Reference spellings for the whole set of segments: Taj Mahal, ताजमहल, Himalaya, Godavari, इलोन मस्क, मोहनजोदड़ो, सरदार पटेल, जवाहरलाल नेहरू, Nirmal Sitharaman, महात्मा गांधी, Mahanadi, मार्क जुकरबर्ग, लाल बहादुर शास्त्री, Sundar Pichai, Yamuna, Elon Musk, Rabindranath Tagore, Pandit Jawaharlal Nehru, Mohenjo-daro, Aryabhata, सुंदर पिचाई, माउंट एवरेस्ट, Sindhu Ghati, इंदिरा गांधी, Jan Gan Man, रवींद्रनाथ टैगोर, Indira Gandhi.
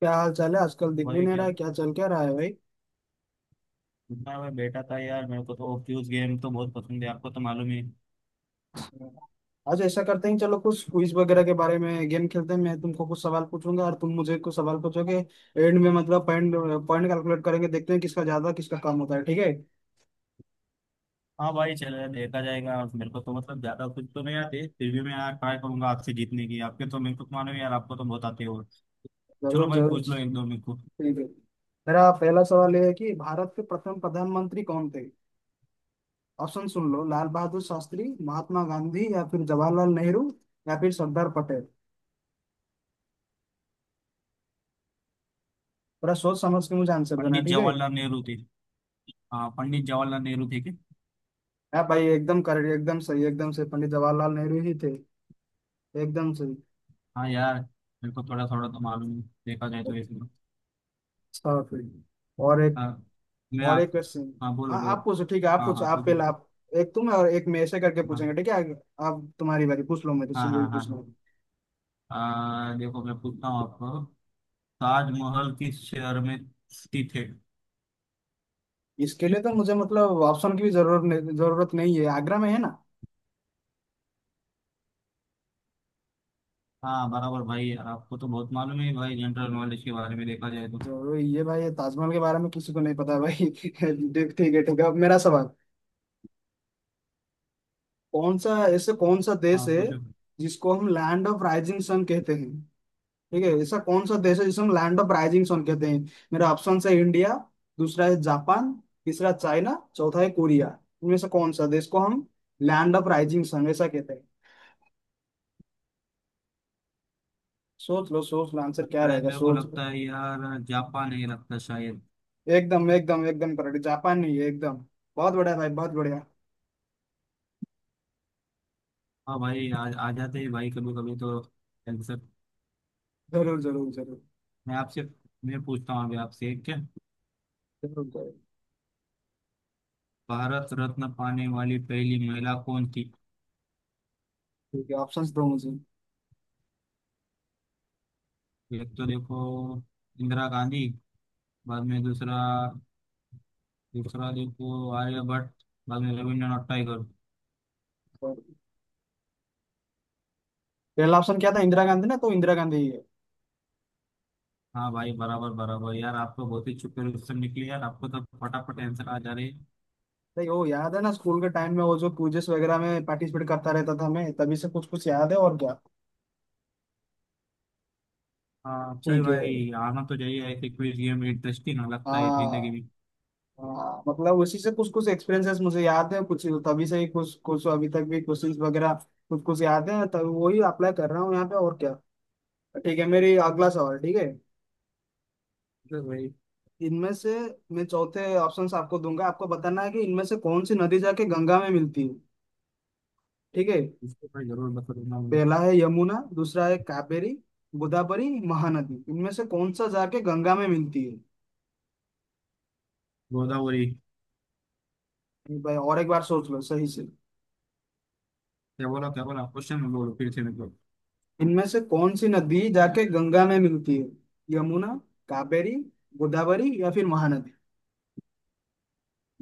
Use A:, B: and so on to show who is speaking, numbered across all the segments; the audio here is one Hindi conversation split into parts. A: क्या हाल चाल है? आजकल दिख भी
B: भाई
A: नहीं
B: क्या
A: रहा है, क्या चल क्या रहा है भाई?
B: इतना मैं बैठा था यार। मेरे को तो फ्यूज गेम तो बहुत पसंद है, आपको तो मालूम है।
A: आज ऐसा करते हैं, चलो कुछ क्विज वगैरह के बारे में गेम खेलते हैं। मैं तुमको कुछ सवाल पूछूंगा और तुम मुझे कुछ सवाल पूछोगे। एंड में मतलब पॉइंट पॉइंट कैलकुलेट करेंगे, देखते हैं किसका ज्यादा किसका कम होता है। ठीक है?
B: हाँ भाई, चलो देखा जाएगा। मेरे को तो मतलब ज्यादा कुछ तो नहीं आते, फिर भी मैं यार ट्राई करूंगा आपसे जीतने की। आपके तो मेरे को तो मालूम है यार, आपको तो बहुत आते हो। चलो
A: जरूर
B: भाई,
A: जरूर।
B: पूछ लो एक दो मेरे को।
A: ठीक है, मेरा पहला सवाल ये है कि भारत के प्रथम प्रधानमंत्री कौन थे? ऑप्शन सुन लो, लाल बहादुर शास्त्री, महात्मा गांधी, या फिर जवाहरलाल नेहरू, या फिर सरदार पटेल। थोड़ा सोच समझ के मुझे आंसर देना,
B: पंडित
A: ठीक है?
B: जवाहरलाल नेहरू थे। हाँ, पंडित जवाहरलाल नेहरू थे क्या।
A: हाँ भाई, एकदम सही, एकदम सही, पंडित जवाहरलाल नेहरू ही थे। एकदम सही।
B: हाँ यार, मेरे को थोड़ा थोड़ा तो मालूम है, देखा जाए तो इसमें।
A: अच्छा फिर, और एक
B: हाँ। मैं
A: और एक
B: आप
A: क्वेश्चन।
B: हाँ बोलो
A: हाँ
B: बोलो।
A: आप पूछो, ठीक है आप
B: हाँ
A: पूछो,
B: हाँ, ठीक है।
A: आप। एक तुम और एक मैं, ऐसे करके पूछेंगे,
B: हाँ
A: ठीक है? आप, तुम्हारी बारी, पूछ लो मेरे से
B: हाँ
A: जो भी
B: हाँ हाँ।
A: पूछ लो।
B: हाँ। देखो मैं पूछता हूँ आपको। ताजमहल किस शहर में स्थित है।
A: इसके लिए तो मुझे मतलब ऑप्शन की भी जरूरत नहीं है, आगरा में है ना।
B: हाँ बराबर भाई, यार आपको तो बहुत मालूम है भाई, जनरल नॉलेज के बारे में देखा जाए तो।
A: जरूर ये भाई, ये ताजमहल के बारे में किसी को नहीं पता है भाई। ठीक ठीक है, ठीक है, अब मेरा सवाल। कौन सा देश
B: हाँ
A: है
B: पूछो।
A: जिसको हम लैंड ऑफ राइजिंग सन कहते हैं? ठीक है, ऐसा कौन सा देश है जिसे हम लैंड ऑफ राइजिंग सन कहते हैं? मेरा ऑप्शन है, इंडिया, दूसरा है जापान, तीसरा चाइना, चौथा है कोरिया। इनमें से कौन सा देश को हम लैंड ऑफ राइजिंग सन ऐसा कहते हैं? सोच लो, सोच लो, आंसर क्या
B: शायद
A: रहेगा
B: मेरे को
A: सोच लो।
B: लगता है यार, जापान है लगता शायद।
A: एकदम एकदम एकदम करेक्ट, जापान नहीं है एकदम। बहुत बढ़िया भाई, बहुत बढ़िया।
B: हाँ भाई, आ जाते हैं भाई कभी कभी तो आंसर।
A: जरूर जरूर जरूर।
B: मैं आपसे मैं पूछता हूँ अभी आपसे एक क्या।
A: जरूर जरूर।
B: भारत रत्न पाने वाली पहली महिला कौन थी।
A: ठीक है, ऑप्शन दो मुझे।
B: एक तो देखो, इंदिरा गांधी, बाद में दूसरा। दूसरा देखो आर्यभट्ट, बाद में रविन्द्रनाथ टैगोर।
A: पहला ऑप्शन क्या था? इंदिरा गांधी ना? तो इंदिरा गांधी ही है।
B: हाँ भाई बराबर बराबर यार, आपको बहुत ही अच्छे क्वेश्चन निकले यार, आपको तो फटाफट आंसर आ जा रहे हैं।
A: नहीं, वो याद है ना, स्कूल के टाइम में वो जो क्विजेस वगैरह में पार्टिसिपेट करता रहता था मैं, तभी से कुछ कुछ याद है, और क्या।
B: हाँ चल
A: ठीक है।
B: भाई, आना तो चाहिए ऐसे क्विज गेम, इंटरेस्टिंग लगता है जिंदगी
A: हाँ।
B: में।
A: हाँ मतलब उसी से कुछ कुछ एक्सपीरियंसेस मुझे याद है कुछ, तभी से ही कुछ कुछ अभी तक भी क्वेश्चंस वगैरह कुछ कुछ याद है, तभी वही अप्लाई कर रहा हूँ यहाँ पे, और क्या। ठीक है, मेरी अगला सवाल, ठीक है।
B: चल भाई।
A: इनमें से, मैं चौथे ऑप्शंस आपको दूंगा, आपको बताना है कि इनमें से कौन सी नदी जाके गंगा में मिलती है, ठीक है?
B: इसको भाई जरूर बताऊंगा मैं।
A: पहला है यमुना, दूसरा है कावेरी, गोदावरी, महानदी। इनमें से कौन सा जाके गंगा में मिलती है?
B: गोदावरी।
A: भाई और एक बार सोच लो सही से।
B: क्या बोला क्वेश्चन में, बोलो फिर से मेरे को।
A: इनमें से कौन सी नदी जाके गंगा में मिलती है? यमुना, कावेरी, गोदावरी, या फिर महानदी?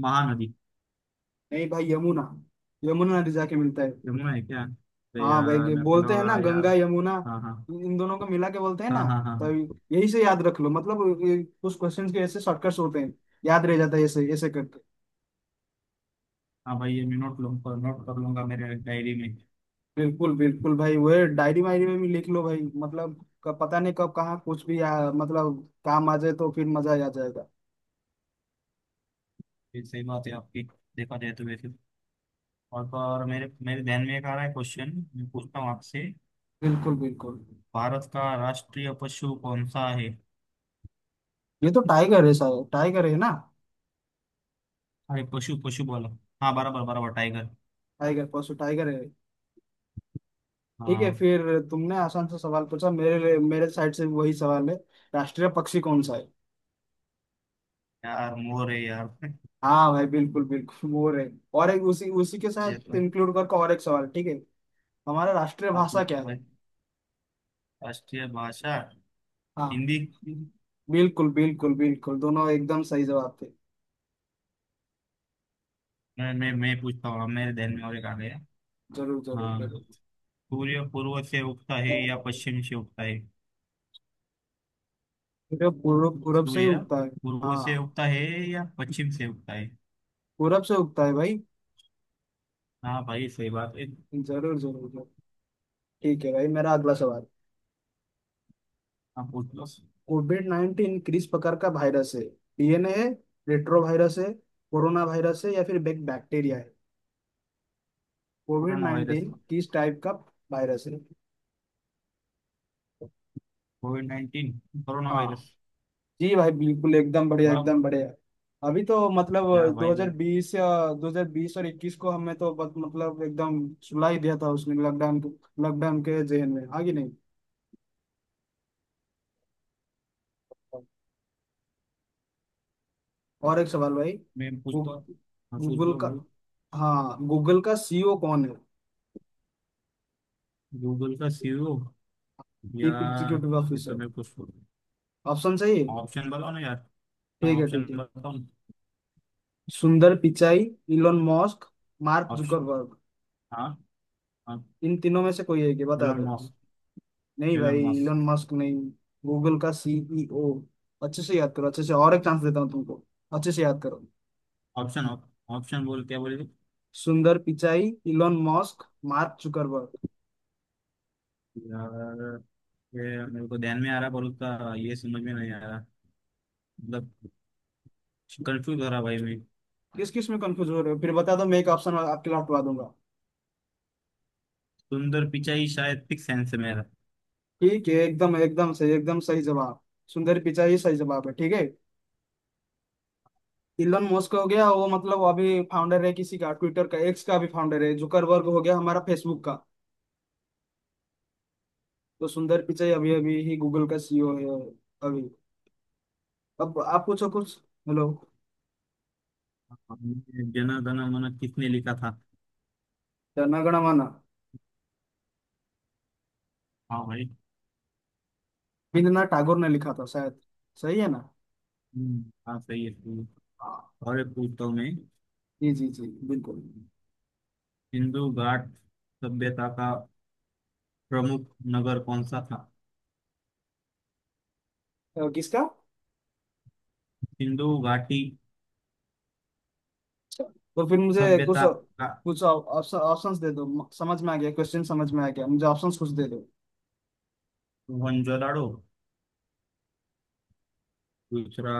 B: महानदी।
A: नहीं भाई, यमुना, यमुना नदी जाके मिलता है।
B: यमुना है क्या, अरे
A: हाँ भाई,
B: यार
A: ये
B: मेरे को
A: बोलते हैं ना
B: लगा यार।
A: गंगा यमुना,
B: हाँ हाँ
A: इन दोनों को मिला के बोलते हैं ना।
B: हाँ हाँ। हाँ
A: तो
B: हाँ।
A: यही से याद रख लो, मतलब ये कुछ क्वेश्चंस के ऐसे शॉर्टकट्स होते हैं, याद रह जाता है ऐसे ऐसे करके।
B: हाँ भाई, ये मैं नोट लूँ, नोट कर लूंगा मेरे डायरी में।
A: बिल्कुल बिल्कुल भाई, वो डायरी वायरी में भी लिख लो भाई। मतलब पता नहीं कब कहाँ कुछ भी मतलब काम आ जाए तो फिर मजा आ जाएगा।
B: ये सही बात है आपकी, देखा जाए तो वैसे तो। और तो और, मेरे मेरे ध्यान में एक आ रहा है क्वेश्चन, मैं पूछता हूँ आपसे।
A: बिल्कुल बिल्कुल।
B: भारत का राष्ट्रीय पशु कौन सा है।
A: ये तो टाइगर है सर, टाइगर है ना?
B: अरे पशु पशु बोलो। हाँ बराबर बराबर, टाइगर।
A: टाइगर, परसों, टाइगर है। ठीक है
B: हाँ
A: फिर, तुमने आसान सा सवाल पूछा, मेरे मेरे साइड से भी वही सवाल है, राष्ट्रीय पक्षी कौन सा है?
B: यार, मोर है यार।
A: हाँ भाई, बिल्कुल बिल्कुल मोर है। और एक, उसी उसी के
B: ये
A: साथ
B: तो
A: इंक्लूड करके और एक सवाल, ठीक है? हमारा राष्ट्रीय
B: आप
A: भाषा
B: पूछ लो
A: क्या है?
B: भाई। राष्ट्रीय भाषा
A: हाँ
B: हिंदी।
A: बिल्कुल बिल्कुल बिल्कुल, दोनों एकदम सही जवाब थे।
B: मैं पूछता हूँ, अब मेरे ध्यान में और एक आ गया।
A: जरूर जरूर
B: हाँ।
A: जरूर।
B: सूर्य पूर्व से उगता है या पश्चिम से उगता है।
A: जो पूर्व पूरब से ही
B: सूर्य
A: उगता है।
B: पूर्व से
A: हाँ
B: उगता है या पश्चिम से उगता है।
A: पूरब से उगता है भाई।
B: हाँ भाई, सही बात है।
A: जरूर जरूर जरूर। ठीक है भाई, मेरा अगला सवाल।
B: आप पूछ लो।
A: कोविड नाइन्टीन किस प्रकार का वायरस है? डीएनए है, रेट्रो वायरस है, कोरोना वायरस है, या फिर बैक्टीरिया है? COVID
B: corona virus.
A: नाइन्टीन किस टाइप का वायरस है?
B: कोविड 19 कोरोना
A: हाँ।
B: वायरस।
A: जी भाई, बिल्कुल एकदम बढ़िया,
B: वाह।
A: एकदम बढ़िया। अभी तो मतलब
B: यार भाई वो-
A: 2020 या 2020 और 21 को हमें तो बस मतलब एकदम सुला ही दिया था उसने। लॉकडाउन, लॉकडाउन के जहन में आगे नहीं। और एक सवाल भाई,
B: मैं पूछ तो। हाँ पूछ
A: गूगल
B: लो
A: का,
B: भाई।
A: हाँ गूगल का सीईओ कौन है?
B: गूगल का सीईओ,
A: चीफ
B: यार
A: एग्जीक्यूटिव
B: ये तो
A: ऑफिसर,
B: मैं कुछ।
A: ऑप्शन सही है?
B: ऑप्शन बताओ ना यार।
A: ठीक
B: हाँ,
A: है
B: ऑप्शन
A: ठीक है।
B: बताओ ना।
A: सुंदर पिचाई, इलोन मस्क, Mark
B: option.
A: Zuckerberg,
B: हाँ हाँ।
A: इन तीनों में से कोई है कि बता
B: एलन
A: दो।
B: मस्क।
A: नहीं भाई,
B: एलन मस्क।
A: इलोन मस्क नहीं। गूगल का सीईओ, अच्छे से याद करो, अच्छे से, और एक चांस देता हूँ तुमको, अच्छे से याद करो।
B: ऑप्शन, ऑप्शन बोल, क्या बोले।
A: सुंदर पिचाई, इलोन मस्क, मार्क जुकरबर्ग।
B: यार, ये मेरे को ध्यान में आ रहा पर उसका ये समझ में नहीं आ रहा, मतलब कंफ्यूज हो रहा भाई मैं।
A: किस किस में कंफ्यूज हो रहे हो, फिर बता दो, मैं एक ऑप्शन आपके लौटवा दूंगा।
B: सुंदर पिचाई शायद, फिक्स आंसर मेरा।
A: ठीक है, एकदम एकदम सही, एकदम सही जवाब। सुंदर पिचाई सही जवाब है, ठीक है? इलोन मस्क हो गया वो मतलब अभी फाउंडर है किसी का, ट्विटर का, एक्स का भी फाउंडर है। जुकरबर्ग हो गया हमारा फेसबुक का। तो सुंदर पिचाई अभी अभी ही गूगल का सीईओ है अभी। अब आप पूछो कुछ। हेलो।
B: जन गण मन किसने लिखा था।
A: जनगण मन
B: हाँ भाई।
A: रवींद्रनाथ टैगोर ने लिखा था शायद, सही है ना?
B: हाँ सही है सही है।
A: हाँ।
B: और एक पूछता हूँ मैं।
A: जी जी जी बिल्कुल।
B: सिंधु घाट सभ्यता का प्रमुख नगर कौन सा था।
A: किसका?
B: सिंधु घाटी
A: तो फिर मुझे कुछ
B: सभ्यता का।
A: कुछ ऑप्शंस दे दो। समझ में आ गया क्वेश्चन, समझ में आ गया, मुझे ऑप्शंस कुछ दे दो।
B: मोहनजोदाड़ो, दूसरा।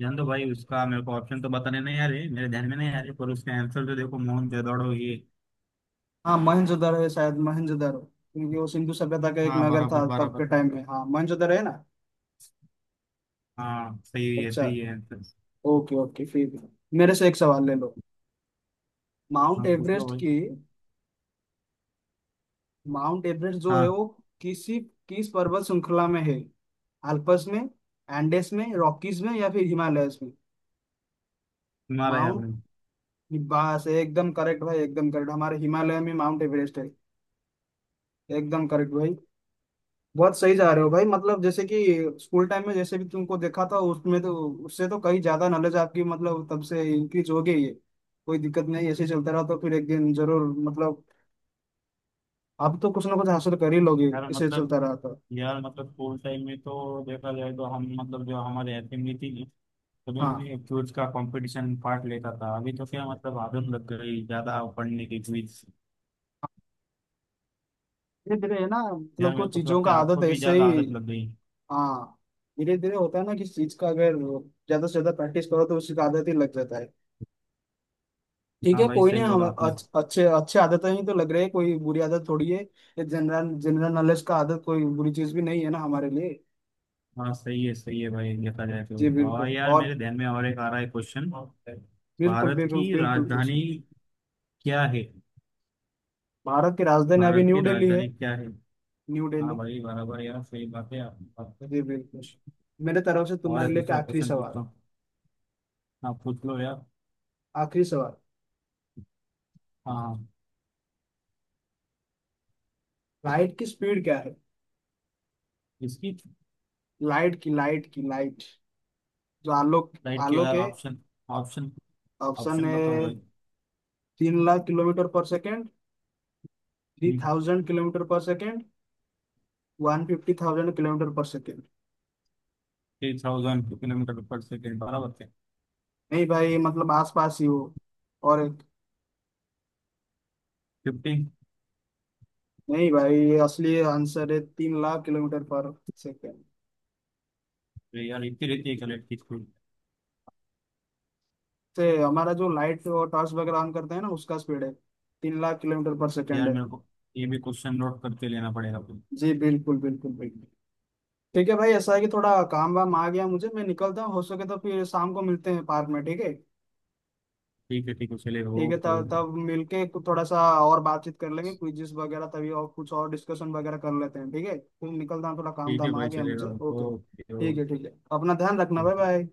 B: जान दो भाई, उसका मेरे को ऑप्शन तो बताने नहीं आ रहे, मेरे ध्यान में नहीं आ रहे, पर उसका आंसर तो देखो मोहनजोदाड़ो ये।
A: हाँ मोहनजोदड़ो है शायद, मोहनजोदड़ो, क्योंकि वो सिंधु सभ्यता का एक
B: हाँ
A: नगर
B: बराबर
A: था तब के
B: बराबर।
A: टाइम में। हाँ मोहनजोदड़ो है ना।
B: हाँ
A: अच्छा।
B: सही है आंसर।
A: ओके ओके फिर, मेरे से एक सवाल ले लो। माउंट
B: हाँ पूछ लो
A: एवरेस्ट
B: भाई।
A: की, माउंट एवरेस्ट जो है
B: हाँ।
A: वो किसी किस पर्वत श्रृंखला में है? अल्पस में, एंडेस में, रॉकीज में, या फिर हिमालयस में?
B: हिमालय
A: माउंट,
B: आपने।
A: बस एकदम करेक्ट भाई, एकदम करेक्ट, हमारे हिमालय में माउंट एवरेस्ट है। एकदम करेक्ट भाई। बहुत सही जा रहे हो भाई, मतलब जैसे कि स्कूल टाइम में जैसे भी तुमको देखा था उसमें, तो उससे तो कहीं ज्यादा नॉलेज आपकी, मतलब तब से इंक्रीज हो गई है। कोई दिक्कत नहीं, ऐसे ही चलता रहा तो फिर एक दिन जरूर, मतलब आप तो कुछ ना कुछ हासिल कर ही लोगे,
B: यार
A: इसे
B: मतलब।
A: चलता रहा तो।
B: यार मतलब स्कूल टाइम में तो देखा जाए तो हम मतलब जो हमारे असेंबली थी, सभी
A: हाँ।
B: में क्विज का कंपटीशन पार्ट लेता था। अभी तो क्या मतलब आदत लग गई ज्यादा पढ़ने की क्विज।
A: धीरे धीरे है ना, मतलब
B: यार मेरे
A: कुछ
B: को तो
A: चीजों का
B: लगता है
A: आदत
B: आपको भी
A: ऐसे
B: ज्यादा
A: ही।
B: आदत लग गई।
A: हाँ धीरे धीरे होता है ना किसी चीज का, अगर ज्यादा से ज्यादा प्रैक्टिस करो तो उसकी आदत ही लग जाता है। ठीक
B: हाँ
A: है,
B: भाई,
A: कोई
B: सही
A: नहीं,
B: बोला आपने।
A: अच्छे अच्छे आदतें ही तो लग रहे हैं, कोई बुरी आदत थोड़ी है। ये जनरल जनरल नॉलेज का आदत कोई बुरी चीज भी नहीं है ना हमारे लिए।
B: हाँ सही है भाई, देखा जाए
A: जी
B: तो। और
A: बिल्कुल,
B: यार,
A: और
B: मेरे ध्यान में और एक आ रहा है क्वेश्चन।
A: बिल्कुल
B: भारत
A: बिल्कुल
B: की
A: बिल्कुल
B: राजधानी
A: बिल्कुल।
B: क्या है।
A: भारत की राजधानी अभी
B: भारत
A: न्यू
B: की
A: दिल्ली है।
B: राजधानी क्या है।
A: न्यू
B: हाँ
A: दिल्ली।
B: भाई बराबर, यार सही बात है आपकी बात पे।
A: जी बिल्कुल। मेरे तरफ से
B: और
A: तुम्हारे
B: एक
A: लिए एक
B: दूसरा
A: आखिरी
B: क्वेश्चन
A: सवाल,
B: पूछता हूँ। आप पूछ लो यार।
A: आखिरी सवाल,
B: हाँ।
A: लाइट की स्पीड क्या है?
B: इसकी।
A: लाइट, जो आलोक
B: फ्लाइट की
A: आलोक
B: यार,
A: है।
B: Option, option.
A: ऑप्शन
B: ऑप्शन बताओ
A: है,
B: भाई।
A: 3 lakh kilometre per second, 3000 kilometre per second, 1,50,000 kilometre per second.
B: 3000 kilometre per second बराबर थे।
A: नहीं भाई, मतलब आसपास ही हो। और एक-
B: 50।
A: नहीं भाई, ये असली आंसर है, 3 लाख किलोमीटर पर सेकेंड।
B: यार इतनी रहती है फ्लाइट की स्पीड।
A: से हमारा जो लाइट और टॉर्च वगैरह ऑन करते हैं ना, उसका स्पीड है 3 लाख किलोमीटर पर सेकेंड
B: यार
A: है।
B: मेरे को ये भी क्वेश्चन नोट करते लेना पड़ेगा फिर।
A: जी बिल्कुल बिल्कुल बिल्कुल। ठीक है भाई, ऐसा है कि थोड़ा काम वाम आ गया मुझे, मैं निकलता हूँ, हो सके तो फिर शाम को मिलते हैं पार्क में, ठीक है?
B: ठीक है ठीक है, चलेगा,
A: ठीक है
B: ओके
A: तब
B: ओके।
A: तब मिलके थोड़ा सा और बातचीत कर लेंगे, क्विज़ वगैरह तभी, और कुछ और डिस्कशन वगैरह कर लेते हैं, ठीक है? फिर निकलता हूँ, थोड़ा काम
B: ठीक है
A: धाम आ
B: भाई
A: गया
B: चलेगा।
A: मुझे, ओके।
B: ओके
A: ठीक है ठीक है, अपना ध्यान रखना,
B: ओके।
A: Bye bye.